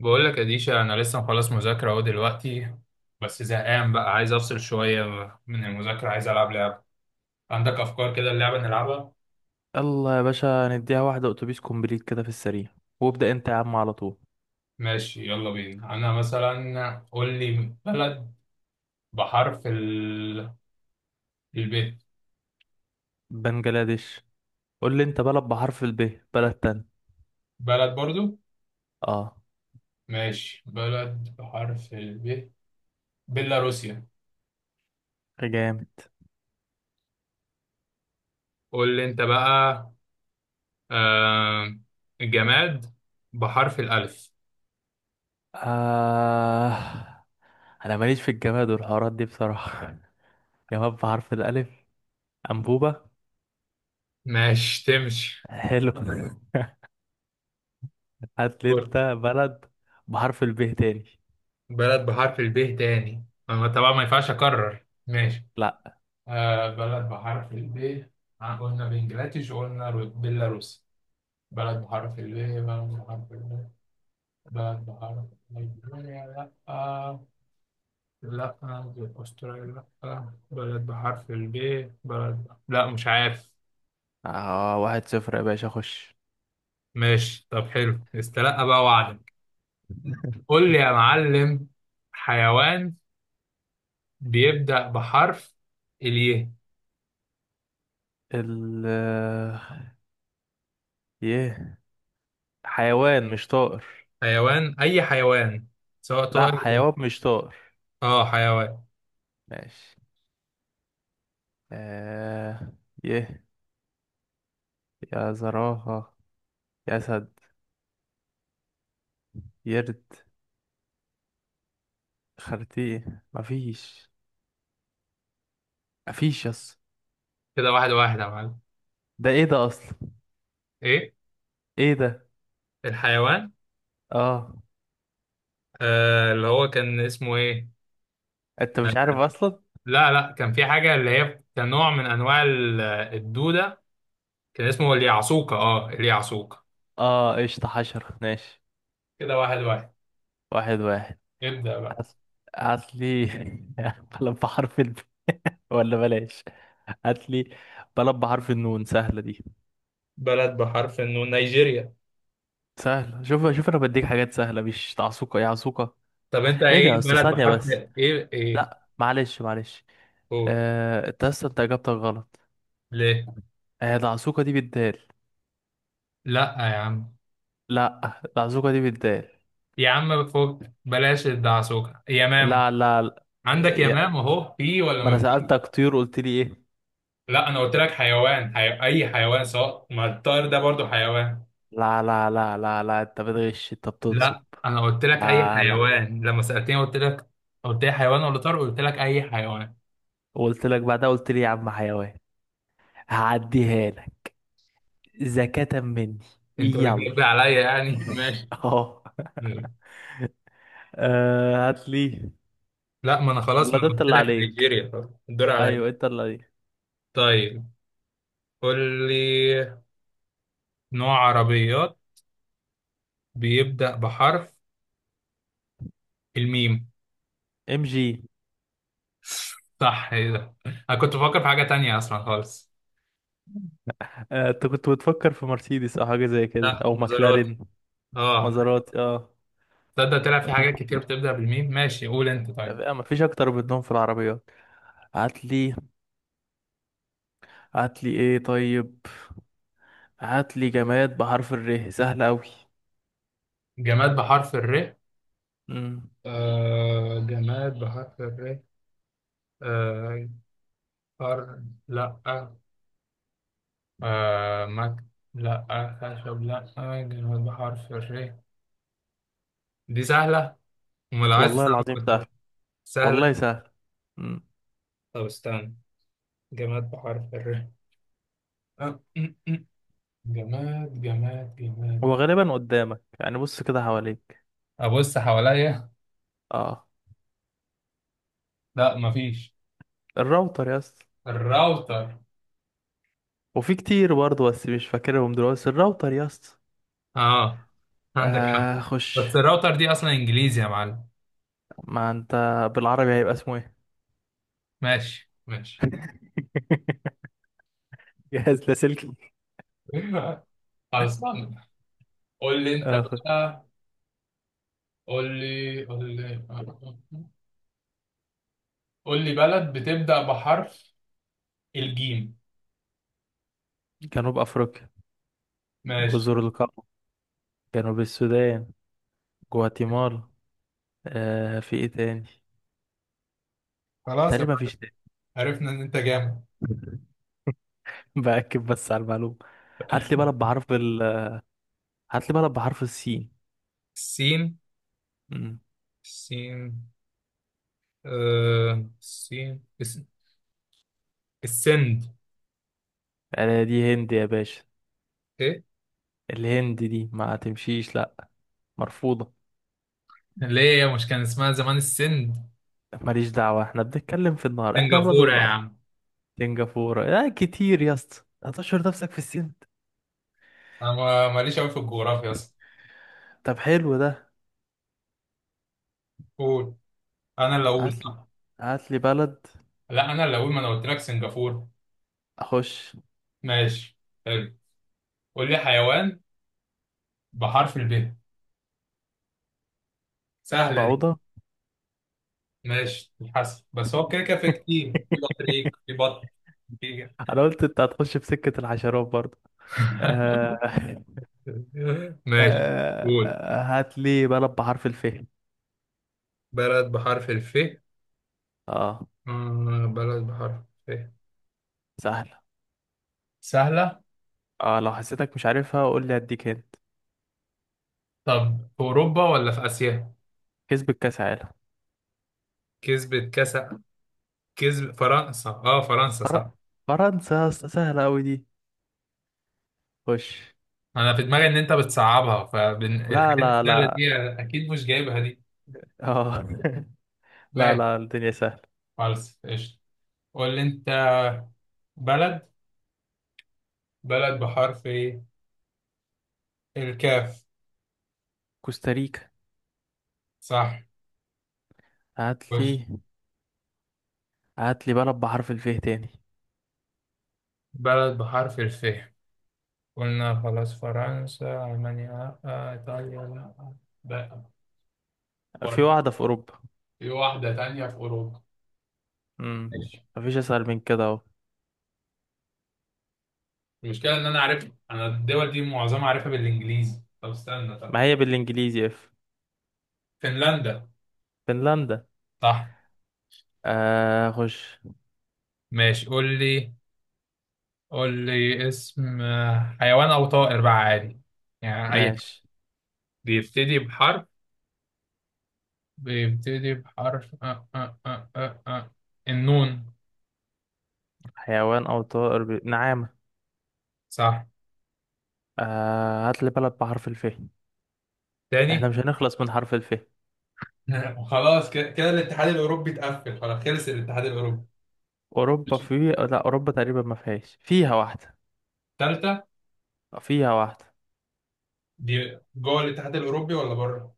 بقول لك يا ديشا، انا لسه مخلص مذاكره اهو دلوقتي. بس زهقان بقى، عايز افصل شويه من المذاكره. عايز العب لعبه. عندك افكار كده اللعبه نلعبها؟ يلا يا باشا، نديها واحدة أتوبيس كومبليت كده في السريع، وابدأ أنت يا عم على طول. ماشي يلا بينا. انا مثلا قول لي بلد بحرف الب. بنجلاديش. قول لي أنت بلد بحرف ال ب، بلد تاني. بلد برضو. آه. ماشي، بلد بحرف الب، بيلاروسيا. جامد. قول لي انت بقى. آه... جماد بحرف الالف. آه، أنا ماليش في الجماد والحوارات دي بصراحة. جماد بحرف الألف. أنبوبة. ماشي تمشي. حلو. هات لي أنت بلد بحرف ال ب تاني. بلد بحرف الب تاني. أنا طبعا ما ينفعش اكرر، ماشي. لأ. آه بلد بحرف الب. آه، قلنا بنجلاديش وقلنا بيلاروس. بلد بحرف الب، بلد بحرف الب. بلد بحرف. نيجيريا لا. آه لا. استراليا لا. بلد بحرف الب. بلد، لا مش عارف. آه، 1-0 يا باشا، خش. ماشي طب، حلو، استلقى بقى وعدك. قول لي يا معلم. حيوان بيبدأ بحرف الياء. ال يه. حيوان مش طائر. حيوان، اي حيوان، سواء لأ، طائر حيوان مش طائر. اه حيوان. ماشي. آه. يه. يا زرافة. أسد. يرد. خرتيه مفيش. مفيش يس. كده واحد واحد يا معلم. ده ايه ده أصلا؟ ايه؟ ايه ده؟ الحيوان. اه. آه اللي هو كان اسمه ايه. انت مش عارف أصلا. لا لا، كان في حاجه اللي هي كان نوع من انواع الدوده. كان اسمه اليعصوكه، اه اليعصوكه. اه، قشطة حشرة، ماشي. كده واحد واحد. واحد واحد. ابدأ بقى. أصل. أصلي. بلب بحرف ال ولا بلاش. هاتلي. بلب بحرف النون، سهلة دي. بلد بحرف انه نيجيريا. سهلة. شوف شوف، أنا بديك حاجات سهلة، مش تعصوقة يا عصوقة. طب انت ايه ده ايه، يا أسطى؟ بلد ثانية بحرف. بس. ايه ايه. لا، معلش معلش. قول. آه، انت اصلا انت اجابتك غلط. ليه. آه، العزوقة دي بالدال. لا يا عم. لا، العزوقة دي بالدال. يا عم فوق بلاش الدعسوكه، يمام. لا لا، لا. عندك يا- يمام اهو، في ولا ما انا ما. سألتك طيور، قلت لي ايه؟ لا، انا قلت لك حيوان، اي حيوان سواء ما الطائر ده برضو حيوان. لا لا لا لا لا، انت بتغش، انت بتنصب. لا، انا قلت لك اي لا لا. حيوان لما سألتني قلت لك. قلت لي حيوان ولا طائر؟ قلت لك اي حيوان. وقلت لك بعدها، قلت لي يا عم حيوان. هعديها لك. زكاة مني. انت بتجيب يلا. عليا يعني ماشي. اهو. آه، هات لي. لا، ما انا خلاص، ولا ما ده انا انت قلت اللي لك عليك. نيجيريا خلاص، الدور عليا. ايوه انت اللي عليك. طيب. قول لي نوع عربيات بيبدأ بحرف الميم. MG. صح، ايه ده، انا كنت بفكر في حاجة تانية اصلا خالص. آه، انت كنت بتفكر في مرسيدس او حاجة زي كده لا او مزارات. مكلارين. اه. مازراتي، اه. تصدق طلع في حاجات كتير بتبدأ بالميم. ماشي، قول انت طب طيب. إيه، مفيش اكتر منهم في العربيات. هاتلي. هاتلي ايه طيب. هاتلي جماد بحرف الر، سهل اوي. جماد بحرف الر. مم. آه جماد بحرف الر. آه فر، لا. آه مك، لا. خشب، لا. جماد بحرف الر، دي سهلة. امال عايز والله تصعب العظيم سهل. قدامك. سهلة. والله سهل. مم. طب استنى. جماد بحرف الر. آه، م- م. جماد جماد جماد. هو غالبا قدامك، يعني بص كده حواليك. ابص حواليا. اه لا مفيش. الراوتر يا اسطى. الراوتر. وفي كتير برضه بس مش فاكرهم دلوقتي، بس الراوتر يا اسطى. اه عندك حق. آه خش. بس الراوتر دي اصلا انجليزي يا معلم. ما انت بالعربي هيبقى اسمه ايه؟ ماشي ماشي. جهاز لاسلكي. خلاص. قول لي انت آه خش. بقى. قول لي قول لي. قول لي بلد بتبدأ بحرف الجيم. جنوب افريقيا. ماشي. جزر القمر. جنوب السودان. جواتيمالا. آه، في ايه تاني؟ خلاص يا تقريبا معلم، مفيش. عرفنا ان انت جامد. تاني. باكد بس على المعلومه. هات لي بلد بحرف ال. هات لي بلد بحرف السين. السين. امم السين. آه السين، السند. انا دي هند يا باشا. ايه؟ الهند دي ما تمشيش، لا. مرفوضه. ليه، يا مش كان اسمها زمان السند. ماليش دعوه، احنا بنتكلم في النهار، احنا اولاد سنغافورة يا النهار. عم. سنغافوره يا كتير يا اسطى، هتشهر نفسك في السين. انا ماليش قوي في الجغرافيا اصلا. طب حلو ده. قول. انا اللي اقول هات لي. صح. هات لي بلد. لا، انا اللي اقول، ما انا قلت لك سنغافورة. اخش. ماشي، حلو. قول لي حيوان بحرف الب. سهلة دي. بعوضه. ماشي الحسن، بس هو كده كده في كتير، في بطريق، في بط، في انا قلت انت هتخش في سكه الحشرات برضه. آه... ماشي. قول هات لي بلد بحرف الف. بلد بحرف الف. اه، آه بلد بحرف الف. سهل. سهلة. اه، لو حسيتك مش عارفها قول لي، اديك هنت. طب في أوروبا ولا في آسيا؟ كسبت كاس عالم. كسبت كأس. كسب فرنسا، اه فرنسا فر... صح. فرنسا يا اسطى، سهلة أوي دي. خش. أنا في دماغي إن أنت بتصعبها، لا فالحاجات لا السهلة لا. دي أكيد مش جايبها دي. اه. لا ماشي. لا، الدنيا سهلة. خلاص قشطة. قول لي أنت بلد. بلد بحرف ايه؟ الكاف. كوستاريكا. صح، هات خش. لي. هات لي بلد بحرف الفيه تاني. بلد بحرف الف. قلنا خلاص فرنسا، ألمانيا لأ، إيطاليا لأ. لا في برضه. واحدة في أوروبا. في واحدة تانية في أوروبا. امم ماشي. مفيش أسهل من كده أهو. المشكلة إن أنا عارف، أنا الدول دي معظمها عارفها بالإنجليزي. طب استنى طب. ما هي بالإنجليزي F. فنلندا. فنلندا. صح. آه خش. ماشي، قول لي. قول لي اسم، حيوان أو طائر بقى عادي، يعني أي حاجة. ماشي. بيبتدي بحرف. بيبتدي بحرف أه أه أه أه أه. آه. النون. حيوان أو طائر، نعامة. صح. آه، هات لي بلد بحرف الفيه. احنا تاني؟ مش هنخلص من حرف الف. وخلاص كده كده الاتحاد الاوروبي اتقفل، خلاص خلص الاتحاد الاوروبي. اوروبا في، لا، اوروبا تقريبا ما فيهاش، فيها واحده. الثالثه. آه، فيها واحده. دي جوه الاتحاد الاوروبي ولا بره؟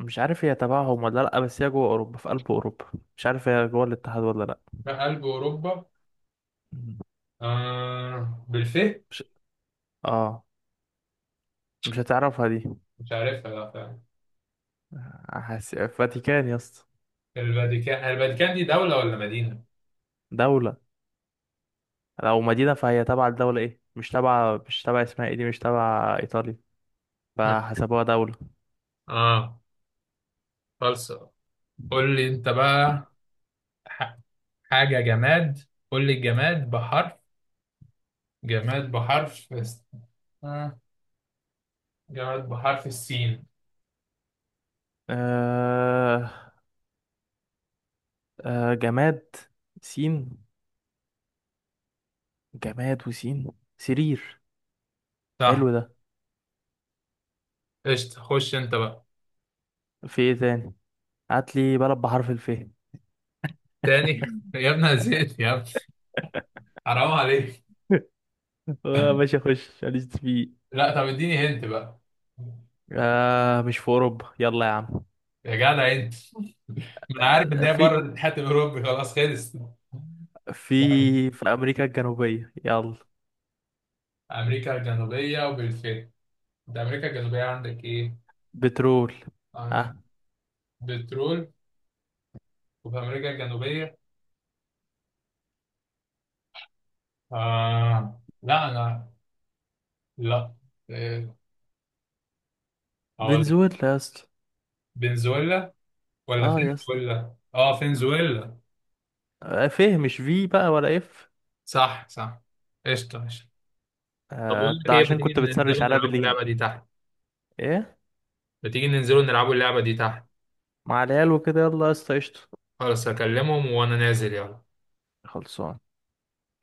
مش عارف هي تبعهم ولا لا، بس هي جوه اوروبا، في قلب اوروبا. مش عارف هي جوه الاتحاد ولا لا. لا، قلب اوروبا. مم. آه بالفه. مش. اه. مش هتعرفها دي. مش عارفها لا فعلا. فاتيكان يا اسطى. الفاتيكان. الفاتيكان دي دوله ولا مدينه؟ دوله. لو مدينه فهي تبع الدوله، ايه مش تبع اسمها ايه دي، مش تبع ايطاليا. فحسبوها دوله. اه. خلاص. قول لي انت بقى. ح- حاجه جماد. قول لي الجماد بحرف. جماد بحرف الس- آه. جماد بحرف السين. آه... جماد. سين. جماد وسين. سرير. صح، حلو ده. قشطة. خش انت بقى. في ايه تاني؟ هات لي بلد بحرف الف. تاني؟ يا ابني أنا زهقت يا ابني، حرام عليك. آه، ماشي اخش، ماليش فيه. لا طب اديني هنت بقى. آه، مش في اوروبا، يلا يا عم. يا جدع انت. ما انا عارف ان آه، هي بره الاتحاد الاوروبي خلاص خلص. في في امريكا الجنوبية، يلا. امريكا الجنوبيه، وبالفعل انت امريكا الجنوبيه عندك ايه؟ بترول. عن- اه. بترول. وفي امريكا الجنوبيه. آه لا انا. لا. إيه، هقول لك. فنزويلا يا اسطى، فنزويلا. ولا اه يا اسطى. فنزويلا، اه فنزويلا. آه، فيه مش في بقى ولا اف. صح صح. قشطه قشطه. طب آه، بقول انت لك ايه، ما عشان تيجي كنت بتسرش ننزلوا عليها نلعبوا بالانجليزي. اللعبه دي تحت؟ ايه، ما تيجي ننزلوا نلعبوا اللعبه دي تحت؟ مع العيال وكده، يلا يا اسطى، قشطة. خلاص هكلمهم وانا نازل، يلا. خلصان. يلا.